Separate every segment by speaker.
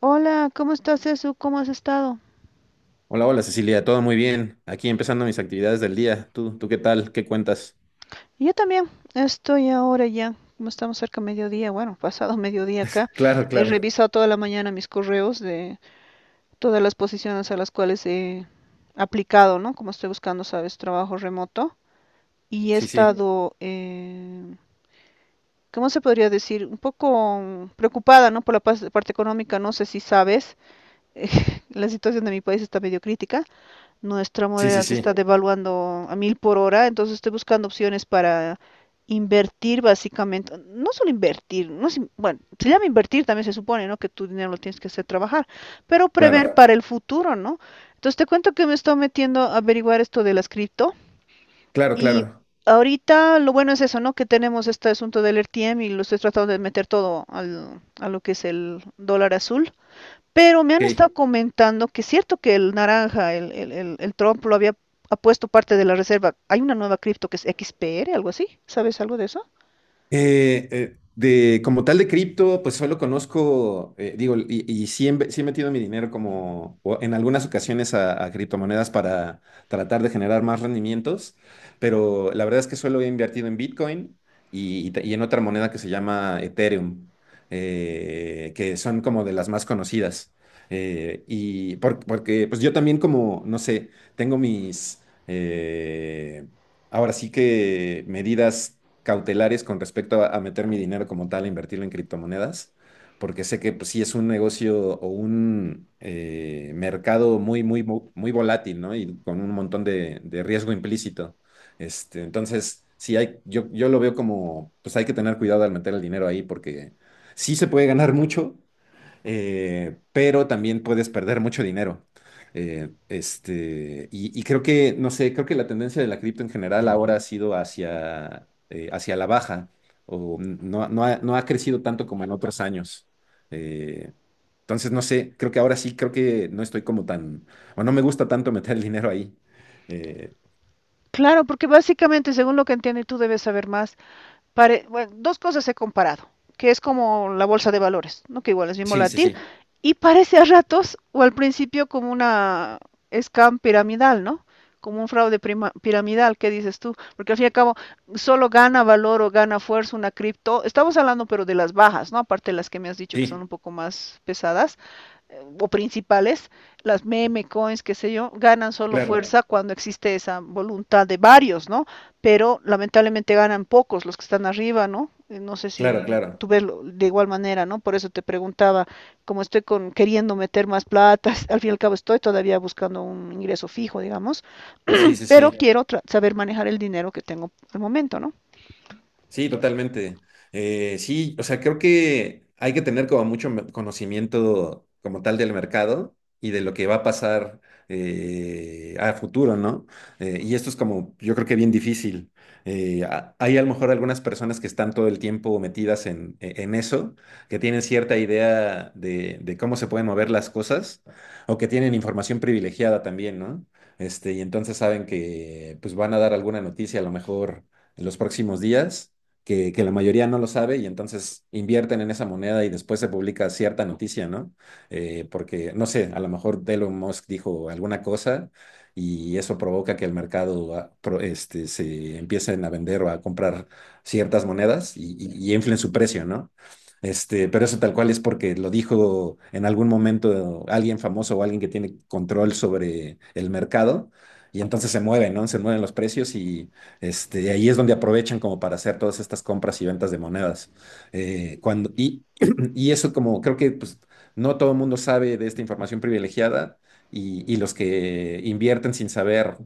Speaker 1: Hola, ¿cómo estás, Esu? ¿Cómo has estado?
Speaker 2: Hola, hola Cecilia, todo muy bien. Aquí empezando mis actividades del día. ¿Tú qué tal? ¿Qué cuentas?
Speaker 1: Yo también estoy ahora ya, como estamos cerca de mediodía, bueno, pasado mediodía acá,
Speaker 2: Claro,
Speaker 1: he
Speaker 2: claro.
Speaker 1: revisado toda la mañana mis correos de todas las posiciones a las cuales he aplicado, ¿no? Como estoy buscando, sabes, trabajo remoto y he
Speaker 2: Sí, sí.
Speaker 1: estado, ¿cómo se podría decir? Un poco preocupada, ¿no? Por la parte económica, no sé si sabes, la situación de mi país está medio crítica. Nuestra
Speaker 2: Sí, sí,
Speaker 1: moneda se
Speaker 2: sí.
Speaker 1: está devaluando a mil por hora, entonces estoy buscando opciones para invertir básicamente. No solo invertir, no es bueno, se llama invertir también se supone, ¿no? Que tu dinero lo tienes que hacer trabajar, pero prever
Speaker 2: Claro,
Speaker 1: claro, para el futuro, ¿no? Entonces te cuento que me estoy metiendo a averiguar esto de las cripto,
Speaker 2: claro,
Speaker 1: y
Speaker 2: claro.
Speaker 1: ahorita lo bueno es eso, ¿no? Que tenemos este asunto del RTM y lo estoy tratando de meter todo al, a lo que es el dólar azul. Pero me han
Speaker 2: Ok.
Speaker 1: estado comentando que es cierto que el naranja, el Trump lo había ha puesto parte de la reserva. Hay una nueva cripto que es XPR, algo así. ¿Sabes algo de eso?
Speaker 2: Como tal de cripto, pues solo conozco, digo, y sí, sí he metido mi dinero como o en algunas ocasiones a criptomonedas para tratar de generar más rendimientos, pero la verdad es que solo he invertido en Bitcoin y en otra moneda que se llama Ethereum, que son como de las más conocidas. Porque pues yo también como, no sé, tengo mis ahora sí que medidas cautelares con respecto a meter mi dinero como tal, a invertirlo en criptomonedas, porque sé que pues, sí es un negocio o un mercado muy volátil, ¿no? Y con un montón de riesgo implícito. Este, entonces, yo lo veo como, pues hay que tener cuidado al meter el dinero ahí, porque sí se puede ganar mucho, pero también puedes perder mucho dinero. Y creo que, no sé, creo que la tendencia de la cripto en general ahora ha sido hacia la baja, o no ha crecido tanto como en otros años. Eh, entonces, no sé, creo que ahora sí, creo que no estoy como tan, o no me gusta tanto meter el dinero ahí. Eh,
Speaker 1: Claro, porque básicamente, según lo que entiendo, y tú debes saber más, bueno, dos cosas he comparado, que es como la bolsa de valores, ¿no? Que igual es bien
Speaker 2: sí, sí,
Speaker 1: volátil,
Speaker 2: sí,
Speaker 1: y parece a ratos o al principio como una scam piramidal, ¿no? Como un fraude piramidal, ¿qué dices tú? Porque al fin y al cabo, solo gana valor o gana fuerza una cripto. Estamos hablando, pero de las bajas, ¿no? Aparte de las que me has dicho que son
Speaker 2: sí,
Speaker 1: un poco más pesadas, o principales, las meme coins, qué sé yo, ganan solo
Speaker 2: claro,
Speaker 1: fuerza cuando existe esa voluntad de varios, ¿no? Pero lamentablemente ganan pocos los que están arriba, ¿no? No sé si
Speaker 2: claro, claro.
Speaker 1: tú ves de igual manera, ¿no? Por eso te preguntaba, como estoy con, queriendo meter más plata, al fin y al cabo estoy todavía buscando un ingreso fijo, digamos,
Speaker 2: Sí, sí,
Speaker 1: pero
Speaker 2: sí.
Speaker 1: quiero tra saber manejar el dinero que tengo al momento, ¿no?
Speaker 2: Sí, totalmente. Sí, o sea, creo que hay que tener como conocimiento como tal del mercado y de lo que va a pasar a futuro, ¿no? Y esto es como, yo creo que bien difícil. Hay a lo mejor algunas personas que están todo el tiempo metidas en eso, que tienen cierta idea de cómo se pueden mover las cosas o que tienen información privilegiada también, ¿no? Este, y entonces saben que pues van a dar alguna noticia a lo mejor en los próximos días que la mayoría no lo sabe y entonces invierten en esa moneda y después se publica cierta noticia, ¿no? Porque, no sé, a lo mejor Elon Musk dijo alguna cosa y eso provoca que el mercado se empiecen a vender o a comprar ciertas monedas y inflen su precio, ¿no? Este, pero eso tal cual es porque lo dijo en algún momento alguien famoso o alguien que tiene control sobre el mercado y entonces se mueve, ¿no? Se mueven los precios y este, y ahí es donde aprovechan como para hacer todas estas compras y ventas de monedas. Eh, cuando, y, y eso como creo que pues, no todo el mundo sabe de esta información privilegiada y los que invierten sin saber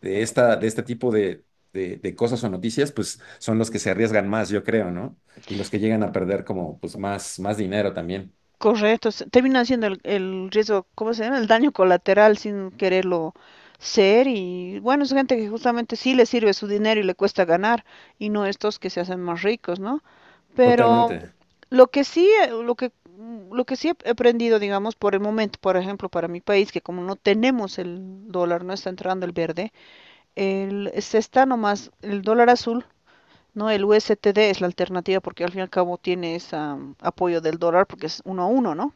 Speaker 2: de este tipo de, de cosas o noticias, pues son los que se arriesgan más, yo creo, ¿no? Y los que llegan a perder como pues más, más dinero también.
Speaker 1: Correcto, termina siendo el riesgo, ¿cómo se llama? El daño colateral sin quererlo ser y bueno, es gente que justamente sí le sirve su dinero y le cuesta ganar y no estos que se hacen más ricos, ¿no? Pero
Speaker 2: Totalmente.
Speaker 1: lo que sí, lo que sí he aprendido, digamos, por el momento, por ejemplo, para mi país, que como no tenemos el dólar, no está entrando el verde, el, se está nomás el dólar azul, ¿no? El USTD es la alternativa porque al fin y al cabo tiene ese apoyo del dólar porque es uno a uno, ¿no?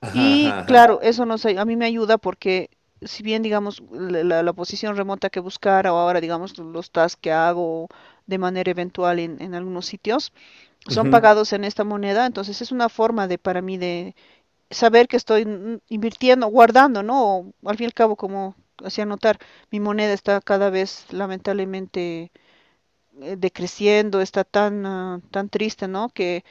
Speaker 2: Ajá,
Speaker 1: Y
Speaker 2: ajá, ajá.
Speaker 1: claro, eso nos, a mí me ayuda porque si bien, digamos, la posición remota que buscara o ahora, digamos, los tasks que hago de manera eventual en algunos sitios, son
Speaker 2: Ujú,
Speaker 1: pagados en esta moneda, entonces es una forma de para mí de saber que estoy invirtiendo, guardando, ¿no? O, al fin y al cabo, como hacía notar, mi moneda está cada vez lamentablemente decreciendo, está tan, ah, tan triste, ¿no? Que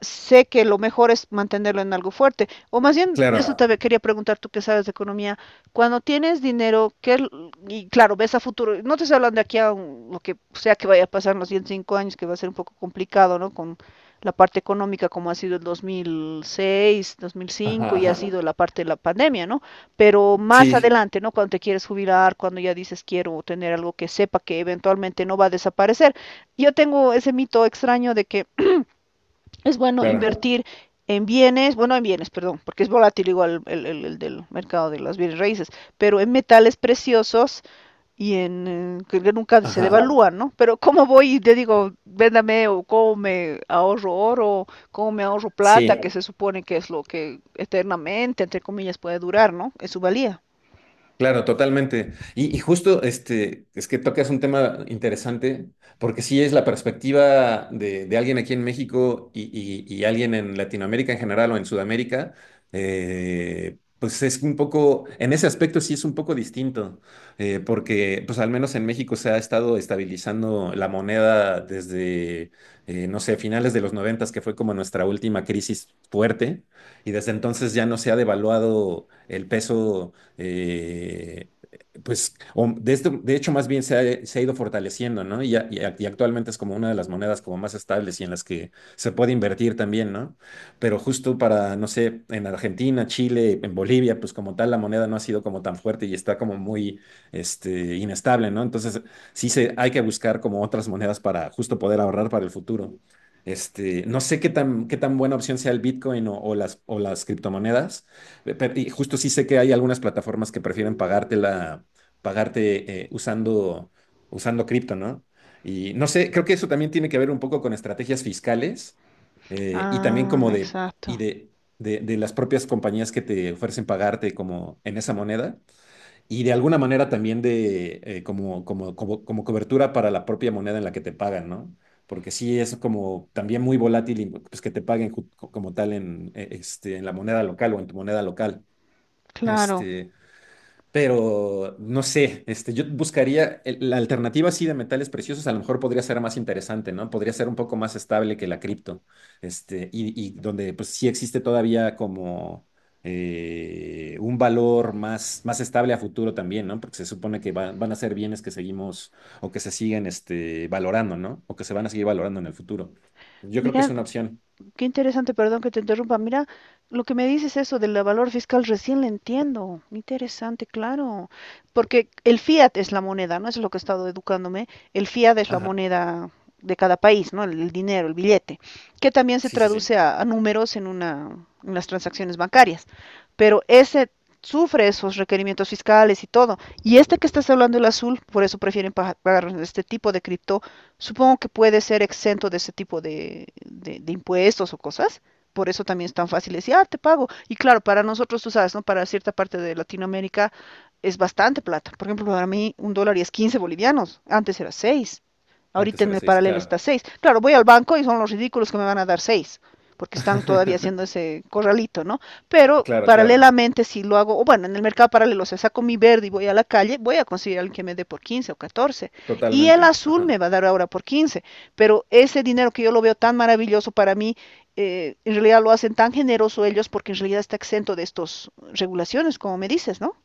Speaker 1: sé que lo mejor es mantenerlo en algo fuerte. O más bien, eso
Speaker 2: claro.
Speaker 1: te quería preguntar tú que sabes de economía. Cuando tienes dinero, ¿qué, y claro, ves a futuro? No te estoy hablando de aquí a lo que sea que vaya a pasar en los siguientes cinco años, que va a ser un poco complicado, ¿no? Con la parte económica como ha sido el dos mil seis, dos mil cinco
Speaker 2: Ajá,
Speaker 1: y ha
Speaker 2: ajá.
Speaker 1: sido la parte de la pandemia, ¿no? Pero más
Speaker 2: Sí,
Speaker 1: adelante, ¿no? Cuando te quieres jubilar, cuando ya dices quiero tener algo que sepa que eventualmente no va a desaparecer. Yo tengo ese mito extraño de que es bueno
Speaker 2: claro.
Speaker 1: invertir en bienes, bueno, en bienes, perdón, porque es volátil igual el del mercado de los bienes raíces, pero en metales preciosos y en que nunca se
Speaker 2: Ajá.
Speaker 1: devalúan, ¿no? Pero ¿cómo voy y te digo, véndame o cómo me ahorro oro, cómo me ahorro plata,
Speaker 2: Sí.
Speaker 1: que se supone que es lo que eternamente, entre comillas, puede durar, ¿no? Es su valía.
Speaker 2: Claro, totalmente. Y justo este, es que tocas un tema interesante, porque sí es la perspectiva de alguien aquí en México y alguien en Latinoamérica en general o en Sudamérica, pues es un poco, en ese aspecto sí es un poco distinto, porque pues al menos en México se ha estado estabilizando la moneda desde no sé, finales de los noventas, que fue como nuestra última crisis fuerte, y desde entonces ya no se ha devaluado el peso eh, de hecho, más bien se ha ido fortaleciendo, ¿no? Y y actualmente es como una de las monedas como más estables y en las que se puede invertir también, ¿no? Pero justo para, no sé, en Argentina, Chile, en Bolivia, pues como tal, la moneda no ha sido como tan fuerte y está como muy, este, inestable, ¿no? Entonces, hay que buscar como otras monedas para justo poder ahorrar para el futuro. Este, no sé qué tan buena opción sea el Bitcoin o, o las criptomonedas, pero- y justo sí sé que hay algunas plataformas que prefieren pagártela, pagarte usando cripto, ¿no? Y no sé, creo que eso también tiene que ver un poco con estrategias fiscales y también
Speaker 1: Ah,
Speaker 2: como de, y
Speaker 1: exacto.
Speaker 2: de, de las propias compañías que te ofrecen pagarte como en esa moneda y de alguna manera también de como, como, como, como cobertura para la propia moneda en la que te pagan, ¿no? Porque sí es como también muy volátil y, pues, que te paguen como tal en la moneda local o en tu moneda local.
Speaker 1: Claro.
Speaker 2: Este, pero no sé, este, yo buscaría la alternativa así de metales preciosos, a lo mejor podría ser más interesante, ¿no? Podría ser un poco más estable que la cripto, este, y donde pues sí existe todavía como un valor más, más estable a futuro también, ¿no? Porque se supone que van a ser bienes que seguimos o que se siguen este, valorando, ¿no? O que se van a seguir valorando en el futuro. Yo creo que es
Speaker 1: Mira,
Speaker 2: una opción.
Speaker 1: qué interesante, perdón que te interrumpa. Mira, lo que me dices eso del valor fiscal recién lo entiendo. Interesante, claro. Porque el fiat es la moneda, ¿no? Eso es lo que he estado educándome. El fiat es la
Speaker 2: Ajá,
Speaker 1: moneda de cada país, ¿no? El dinero, el billete, que también se
Speaker 2: sí, sí, sí.
Speaker 1: traduce a números en una, en las transacciones bancarias. Pero ese sufre esos requerimientos fiscales y todo. Y este que estás hablando, el azul, por eso prefieren pagar este tipo de cripto. Supongo que puede ser exento de ese tipo de, de impuestos o cosas. Por eso también es tan fácil decir, ah, te pago. Y claro, para nosotros, tú sabes, ¿no? Para cierta parte de Latinoamérica es bastante plata. Por ejemplo, para mí un dólar y es 15 bolivianos. Antes era seis. Ahorita
Speaker 2: Antes
Speaker 1: en
Speaker 2: era
Speaker 1: el
Speaker 2: seis,
Speaker 1: paralelo está
Speaker 2: claro.
Speaker 1: seis. Claro, voy al banco y son los ridículos que me van a dar 6 porque están todavía haciendo ese corralito, ¿no? Pero
Speaker 2: Claro, claro.
Speaker 1: paralelamente si lo hago, o bueno, en el mercado paralelo, o sea, saco mi verde y voy a la calle, voy a conseguir a alguien que me dé por 15 o catorce, y el
Speaker 2: Totalmente.
Speaker 1: azul
Speaker 2: Ajá.
Speaker 1: me va a dar ahora por quince, pero ese dinero que yo lo veo tan maravilloso para mí, en realidad lo hacen tan generoso ellos porque en realidad está exento de estas regulaciones, como me dices, ¿no?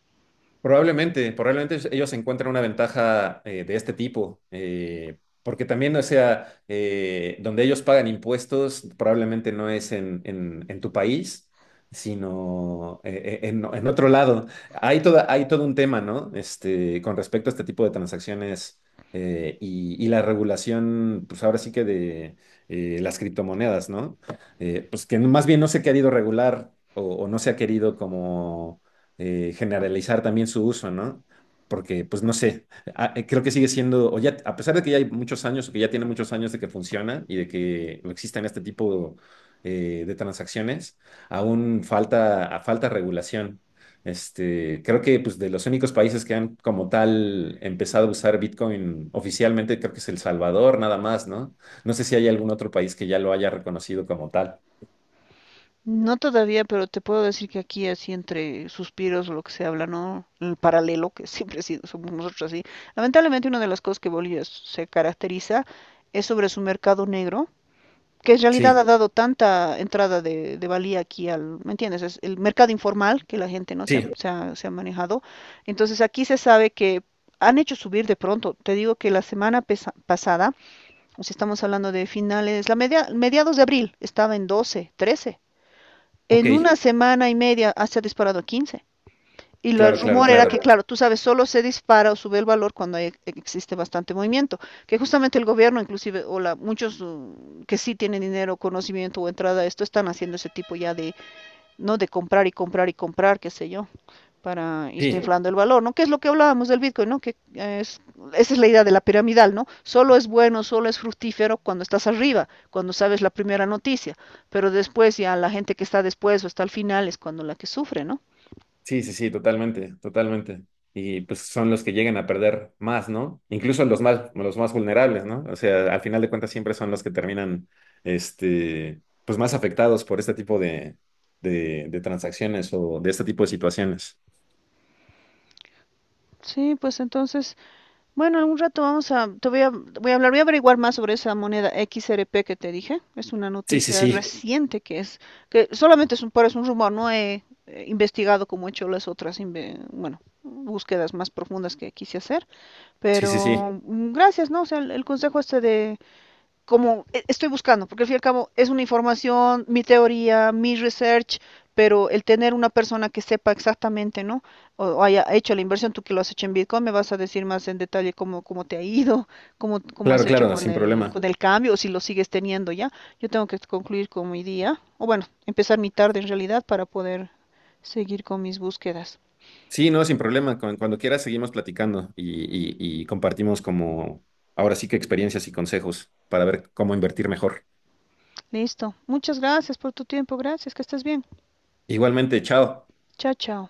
Speaker 2: Probablemente, probablemente ellos encuentran una ventaja de este tipo, porque también, o sea, donde ellos pagan impuestos, probablemente no es en tu país, sino en otro lado. Hay todo un tema, ¿no? Este, con respecto a este tipo de transacciones y la regulación, pues ahora sí que de las criptomonedas, ¿no? Pues que más bien no se ha querido regular o no se ha querido como generalizar también su uso, ¿no? Porque, pues no sé, creo que sigue siendo, o ya, a pesar de que ya hay muchos años, o que ya tiene muchos años de que funciona y de que existen este tipo de transacciones, falta regulación. Este, creo que pues, de los únicos países que han como tal empezado a usar Bitcoin oficialmente, creo que es El Salvador, nada más, ¿no? No sé si hay algún otro país que ya lo haya reconocido como tal.
Speaker 1: No todavía, pero te puedo decir que aquí así entre suspiros lo que se habla, ¿no? El paralelo, que siempre sí, somos nosotros así. Lamentablemente una de las cosas que Bolivia se caracteriza es sobre su mercado negro, que en realidad ha
Speaker 2: Sí,
Speaker 1: dado tanta entrada de valía aquí al, ¿me entiendes? Es el mercado informal que la gente no se ha,
Speaker 2: sí,
Speaker 1: se ha manejado. Entonces aquí se sabe que han hecho subir de pronto. Te digo que la semana pasada, o si estamos hablando de finales, la media, mediados de abril estaba en doce, trece.
Speaker 2: ok,
Speaker 1: En una semana y media ah, se ha disparado a quince, y el
Speaker 2: claro, claro,
Speaker 1: rumor era que,
Speaker 2: claro.
Speaker 1: claro, tú sabes, solo se dispara o sube el valor cuando existe bastante movimiento, que justamente el gobierno, inclusive, o la, muchos que sí tienen dinero, conocimiento o entrada a esto, están haciendo ese tipo ya de, ¿no? De comprar y comprar y comprar, qué sé yo, para irse
Speaker 2: Sí.
Speaker 1: inflando el valor, ¿no? Que es lo que hablábamos del Bitcoin, ¿no? Esa es la idea de la piramidal, ¿no? Solo es bueno, solo es fructífero cuando estás arriba, cuando sabes la primera noticia, pero después ya la gente que está después o está al final es cuando la que sufre, ¿no?
Speaker 2: Sí, sí, sí, totalmente, totalmente. Y pues son los que llegan a perder más, ¿no? Incluso los más vulnerables, ¿no? O sea, al final de cuentas siempre son los que terminan, este, pues más afectados por este tipo de, de transacciones o de este tipo de situaciones.
Speaker 1: Sí, pues entonces bueno, algún rato vamos a, te voy a, voy a hablar, voy a averiguar más sobre esa moneda XRP que te dije. Es una
Speaker 2: Sí, sí,
Speaker 1: noticia
Speaker 2: sí,
Speaker 1: reciente que es, que solamente es un, pero es un rumor, no he investigado como he hecho las otras, bueno, búsquedas más profundas que quise hacer.
Speaker 2: sí, sí, sí.
Speaker 1: Pero gracias, ¿no? O sea, el consejo este de como estoy buscando, porque al fin y al cabo es una información, mi teoría, mi research, pero el tener una persona que sepa exactamente, ¿no? O haya hecho la inversión, tú que lo has hecho en Bitcoin, me vas a decir más en detalle cómo, cómo te ha ido, cómo, cómo has
Speaker 2: Claro,
Speaker 1: hecho
Speaker 2: claro, sin problema.
Speaker 1: con el cambio, o si lo sigues teniendo ya. Yo tengo que concluir con mi día, o bueno, empezar mi tarde en realidad para poder seguir con mis búsquedas.
Speaker 2: Sí, no, sin problema. Cuando quieras seguimos platicando y compartimos como, ahora sí que experiencias y consejos para ver cómo invertir mejor.
Speaker 1: Listo. Muchas gracias por tu tiempo. Gracias. Que estés bien.
Speaker 2: Igualmente, chao.
Speaker 1: Chao, chao.